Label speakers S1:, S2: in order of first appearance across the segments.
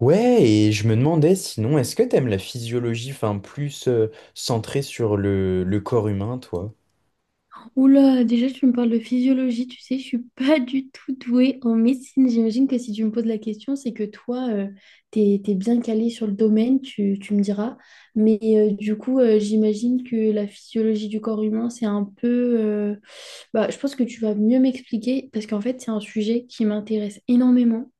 S1: Ouais, et je me demandais sinon, est-ce que t'aimes la physiologie, enfin plus centrée sur le corps humain, toi?
S2: Oula, déjà tu me parles de physiologie, tu sais, je suis pas du tout douée en médecine. J'imagine que si tu me poses la question, c'est que toi, t'es bien calée sur le domaine, tu me diras. Mais du coup, j'imagine que la physiologie du corps humain, c'est un peu... euh, bah, je pense que tu vas mieux m'expliquer parce qu'en fait, c'est un sujet qui m'intéresse énormément,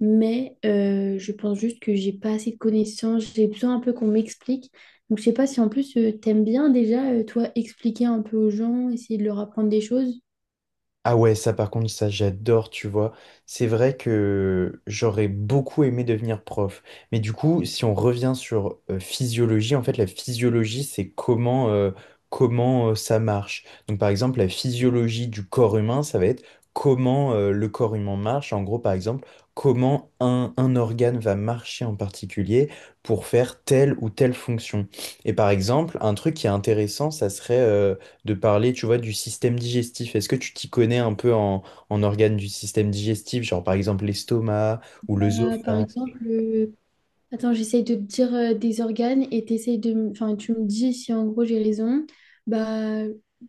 S2: mais je pense juste que j'ai pas assez de connaissances, j'ai besoin un peu qu'on m'explique. Donc je sais pas si en plus t'aimes bien déjà, toi, expliquer un peu aux gens, essayer de leur apprendre des choses.
S1: Ah ouais, ça par contre, ça j'adore, tu vois. C'est vrai que j'aurais beaucoup aimé devenir prof. Mais du coup, si on revient sur physiologie, en fait, la physiologie, c'est comment, comment ça marche. Donc par exemple, la physiologie du corps humain, ça va être comment le corps humain marche. En gros, par exemple, comment un organe va marcher en particulier pour faire telle ou telle fonction. Et par exemple, un truc qui est intéressant, ça serait de parler, tu vois, du système digestif. Est-ce que tu t'y connais un peu en organes du système digestif, genre par exemple l'estomac ou
S2: Euh, par
S1: l'œsophage?
S2: exemple, euh, Attends, j'essaye de te dire des organes et enfin, tu me dis si en gros j'ai raison. Bah,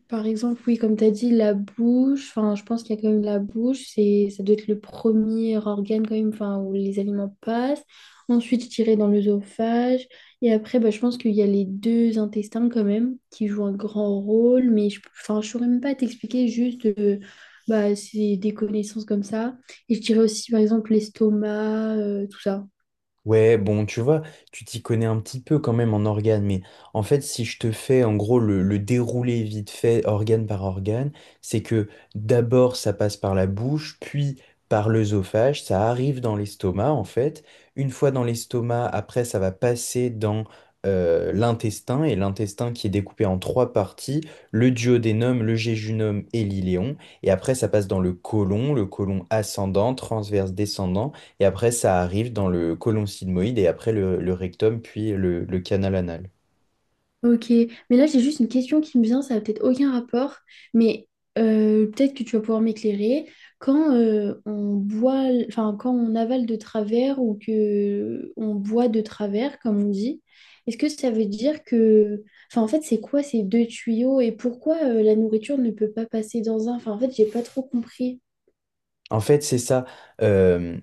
S2: par exemple, oui, comme tu as dit, la bouche, enfin, je pense qu'il y a quand même la bouche, ça doit être le premier organe quand même, enfin, où les aliments passent. Ensuite, je dirais dans l'œsophage. Et après, bah, je pense qu'il y a les deux intestins quand même qui jouent un grand rôle, mais je, enfin, je saurais même pas t'expliquer juste, bah, c'est des connaissances comme ça. Et je dirais aussi, par exemple, l'estomac, tout ça.
S1: Ouais, bon, tu vois, tu t'y connais un petit peu quand même en organes, mais en fait, si je te fais en gros le déroulé vite fait, organe par organe, c'est que d'abord ça passe par la bouche, puis par l'œsophage, ça arrive dans l'estomac en fait. Une fois dans l'estomac, après ça va passer dans l'intestin, et l'intestin qui est découpé en trois parties, le duodénum, le jéjunum et l'iléon, et après ça passe dans le côlon ascendant, transverse, descendant. Et après, ça arrive dans le côlon sigmoïde et après le rectum, puis le canal anal.
S2: Ok, mais là j'ai juste une question qui me vient, ça n'a peut-être aucun rapport, mais peut-être que tu vas pouvoir m'éclairer. Quand on boit, enfin quand on avale de travers ou que on boit de travers, comme on dit, est-ce que ça veut dire que, enfin en fait c'est quoi ces deux tuyaux et pourquoi la nourriture ne peut pas passer dans un? Enfin en fait j'ai pas trop compris.
S1: En fait, c'est ça. Euh,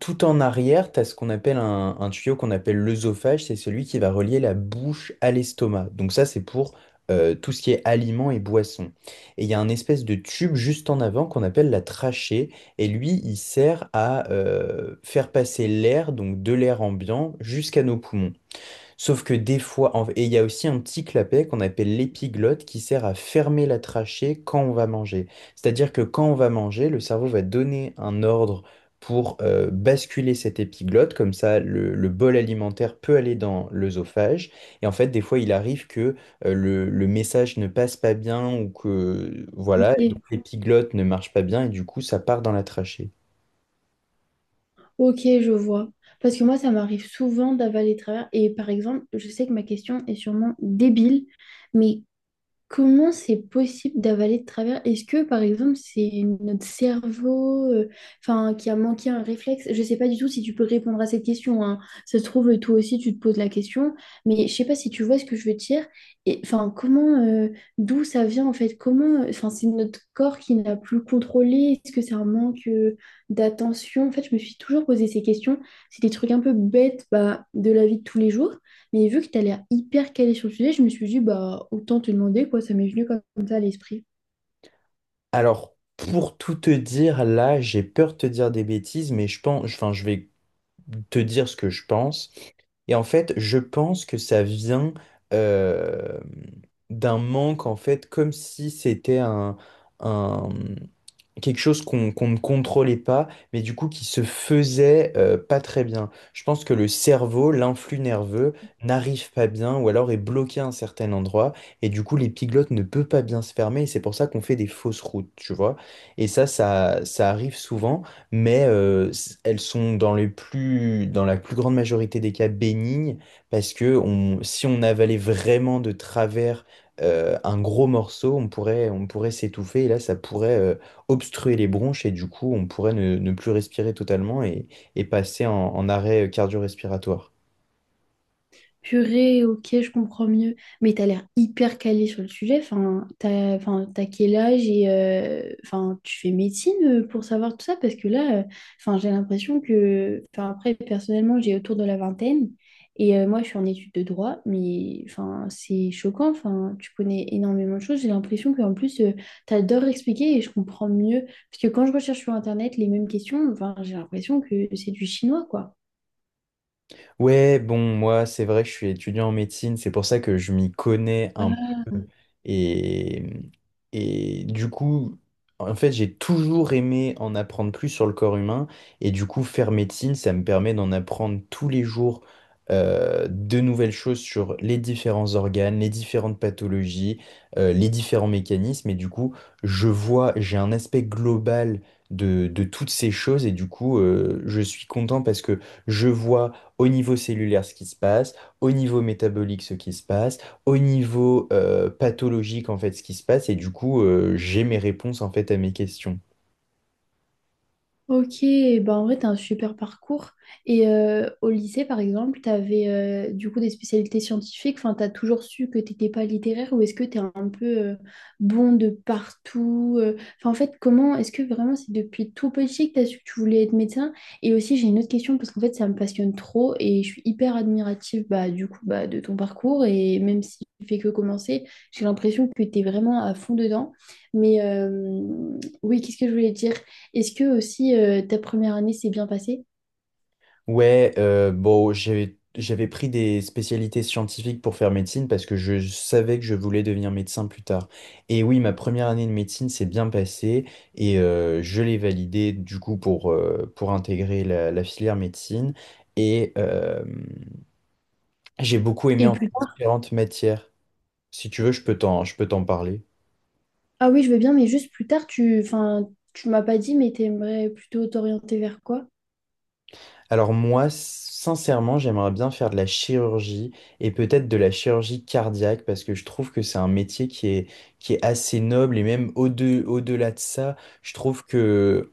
S1: tout en arrière, tu as ce qu'on appelle un tuyau qu'on appelle l'œsophage. C'est celui qui va relier la bouche à l'estomac. Donc ça, c'est pour tout ce qui est aliments et boissons. Et il y a un espèce de tube juste en avant qu'on appelle la trachée. Et lui, il sert à faire passer l'air, donc de l'air ambiant, jusqu'à nos poumons. Sauf que des fois, et il y a aussi un petit clapet qu'on appelle l'épiglotte qui sert à fermer la trachée quand on va manger. C'est-à-dire que quand on va manger, le cerveau va donner un ordre pour basculer cette épiglotte, comme ça le bol alimentaire peut aller dans l'œsophage. Et en fait, des fois, il arrive que le message ne passe pas bien ou que voilà, et donc
S2: Ok.
S1: l'épiglotte ne marche pas bien et du coup, ça part dans la trachée.
S2: Ok, je vois. Parce que moi ça m'arrive souvent d'avaler de travers et par exemple je sais que ma question est sûrement débile. Mais comment c'est possible d'avaler de travers? Est-ce que, par exemple, c'est notre cerveau, enfin, qui a manqué un réflexe? Je ne sais pas du tout si tu peux répondre à cette question, hein. Ça se trouve, toi aussi, tu te poses la question, mais je sais pas si tu vois ce que je veux dire. Et enfin, comment, d'où ça vient en fait? Comment, enfin, c'est notre corps qui n'a plus contrôlé? Est-ce que c'est un manque, d'attention? En fait, je me suis toujours posé ces questions. C'est des trucs un peu bêtes, bah, de la vie de tous les jours. Mais vu que tu as l'air hyper calé sur le sujet, je me suis dit, bah, autant te demander, quoi, ça m'est venu comme ça à l'esprit.
S1: Alors, pour tout te dire, là, j'ai peur de te dire des bêtises, mais je pense, enfin, je vais te dire ce que je pense. Et en fait, je pense que ça vient euh, d'un manque, en fait, comme si c'était un- quelque chose qu'on ne contrôlait pas, mais du coup qui se faisait pas très bien. Je pense que le cerveau, l'influx nerveux, n'arrive pas bien ou alors est bloqué à un certain endroit et du coup l'épiglotte ne peut pas bien se fermer et c'est pour ça qu'on fait des fausses routes, tu vois. Et ça arrive souvent, mais elles sont dans la plus grande majorité des cas bénignes parce que on, si on avalait vraiment de travers un gros morceau, on pourrait s'étouffer et là ça pourrait obstruer les bronches et du coup, on pourrait ne plus respirer totalement et passer en arrêt cardio-respiratoire.
S2: Purée, ok, je comprends mieux. Mais t'as l'air hyper calé sur le sujet. Enfin, t'as quel âge et enfin, tu fais médecine pour savoir tout ça? Parce que là, enfin, j'ai l'impression que, enfin, après, personnellement, j'ai autour de la vingtaine et moi, je suis en études de droit, mais enfin, c'est choquant. Enfin, tu connais énormément de choses. J'ai l'impression qu'en plus, t'adores expliquer et je comprends mieux. Parce que quand je recherche sur Internet les mêmes questions, enfin, j'ai l'impression que c'est du chinois, quoi.
S1: Ouais, bon, moi, c'est vrai que je suis étudiant en médecine, c'est pour ça que je m'y connais un peu. Et, et du coup, en fait, j'ai toujours aimé en apprendre plus sur le corps humain. Et du coup, faire médecine, ça me permet d'en apprendre tous les jours de nouvelles choses sur les différents organes, les différentes pathologies, les différents mécanismes. Et du coup, je vois, j'ai un aspect global de toutes ces choses. Et du coup, je suis content parce que je vois au niveau cellulaire ce qui se passe, au niveau métabolique ce qui se passe, au niveau pathologique en fait ce qui se passe, et du coup j'ai mes réponses en fait à mes questions.
S2: Ok, bah en vrai, t'as un super parcours. Et au lycée, par exemple, t'avais du coup des spécialités scientifiques. Enfin, t'as toujours su que t'étais pas littéraire ou est-ce que t'es un peu bon de partout? Enfin, en fait, comment est-ce que vraiment c'est depuis tout petit que t'as su que tu voulais être médecin? Et aussi, j'ai une autre question parce qu'en fait, ça me passionne trop et je suis hyper admirative, bah, du coup, bah, de ton parcours. Et même si fait que commencer, j'ai l'impression que t'es vraiment à fond dedans. Mais oui, qu'est-ce que je voulais dire? Est-ce que aussi ta première année s'est bien passée?
S1: Ouais, bon, j'avais pris des spécialités scientifiques pour faire médecine parce que je savais que je voulais devenir médecin plus tard. Et oui, ma première année de médecine s'est bien passée et je l'ai validée du coup pour intégrer la filière médecine. Et j'ai beaucoup aimé
S2: Et
S1: en fait,
S2: plus tard,
S1: différentes matières. Si tu veux, je peux t'en parler.
S2: ah oui, je veux bien, mais juste plus tard, tu, enfin, tu m'as pas dit, mais t'aimerais plutôt t'orienter vers quoi?
S1: Alors moi, sincèrement, j'aimerais bien faire de la chirurgie et peut-être de la chirurgie cardiaque parce que je trouve que c'est un métier qui est assez noble et même au-delà de ça, je trouve que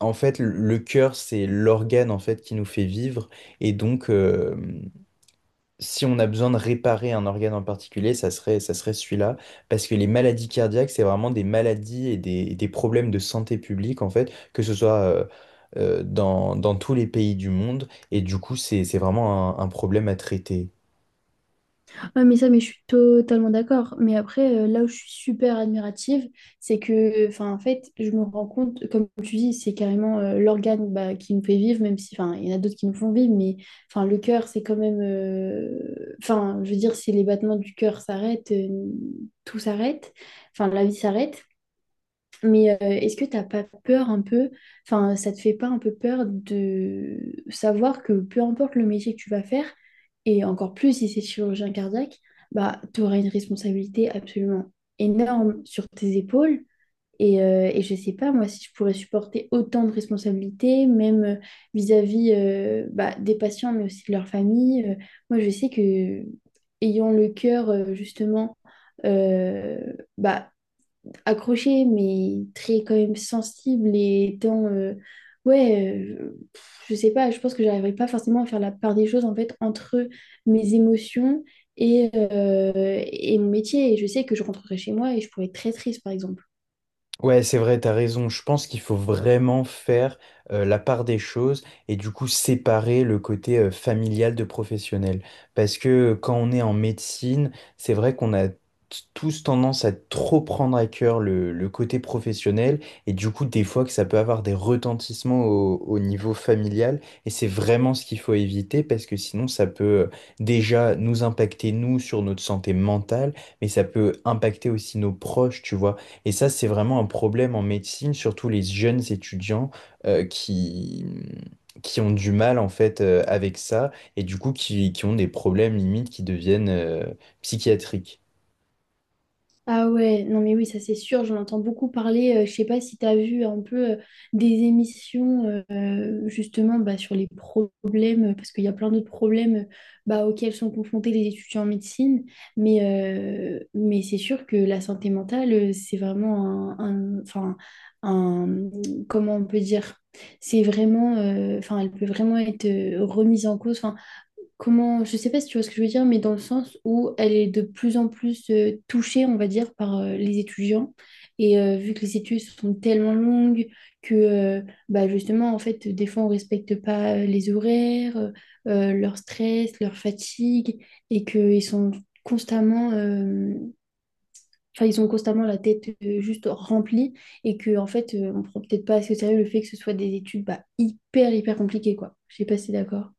S1: en fait le cœur c'est l'organe en fait qui nous fait vivre et donc si on a besoin de réparer un organe en particulier, ça serait celui-là. Parce que les maladies cardiaques, c'est vraiment des maladies et des problèmes de santé publique, en fait, que ce soit dans tous les pays du monde. Et du coup, c'est vraiment un problème à traiter.
S2: Ah, mais ça, mais je suis totalement d'accord. Mais après, là où je suis super admirative, c'est que, enfin, en fait, je me rends compte, comme tu dis, c'est carrément l'organe, bah, qui nous fait vivre, même si, enfin, il y en a d'autres qui nous font vivre, mais, enfin, le cœur, c'est quand même, enfin, je veux dire, si les battements du cœur s'arrêtent, tout s'arrête, enfin, la vie s'arrête. Mais est-ce que t'as pas peur un peu, enfin, ça te fait pas un peu peur de savoir que peu importe le métier que tu vas faire, et encore plus si c'est chirurgien cardiaque, bah, tu auras une responsabilité absolument énorme sur tes épaules. Et je sais pas, moi, si je pourrais supporter autant de responsabilités, même vis-à-vis bah, des patients, mais aussi de leur famille. Moi, je sais que ayant le cœur, justement, euh, bah, accroché, mais très quand même sensible et dans... ouais, je sais pas, je pense que j'arriverai pas forcément à faire la part des choses, en fait, entre mes émotions et mon métier. Et je sais que je rentrerai chez moi et je pourrais être très triste, par exemple.
S1: Ouais, c'est vrai, t'as raison. Je pense qu'il faut vraiment faire la part des choses et du coup séparer le côté familial de professionnel. Parce que quand on est en médecine, c'est vrai qu'on a tous tendance à trop prendre à cœur le côté professionnel et du coup des fois que ça peut avoir des retentissements au niveau familial et c'est vraiment ce qu'il faut éviter parce que sinon ça peut déjà nous impacter nous sur notre santé mentale mais ça peut impacter aussi nos proches, tu vois. Et ça, c'est vraiment un problème en médecine, surtout les jeunes étudiants euh, qui, qui ont du mal en fait avec ça et du coup qui ont des problèmes limites qui deviennent psychiatriques.
S2: Ah ouais, non mais oui, ça c'est sûr, j'en entends beaucoup parler. Je sais pas si tu as vu un peu des émissions justement, bah, sur les problèmes, parce qu'il y a plein d'autres problèmes bah, auxquels sont confrontés les étudiants en médecine, mais c'est sûr que la santé mentale, c'est vraiment enfin, un, comment on peut dire, c'est vraiment, enfin, elle peut vraiment être remise en cause. Enfin, comment, je sais pas si tu vois ce que je veux dire, mais dans le sens où elle est de plus en plus touchée, on va dire, par les étudiants. Et vu que les études sont tellement longues que, bah justement, en fait, des fois, on respecte pas les horaires, leur stress, leur fatigue, et qu'ils sont constamment, enfin, ils ont constamment la tête juste remplie, et que, en fait, on prend peut-être pas assez au sérieux le fait que ce soit des études, bah, hyper, hyper compliquées, quoi. Je sais pas si t'es d'accord.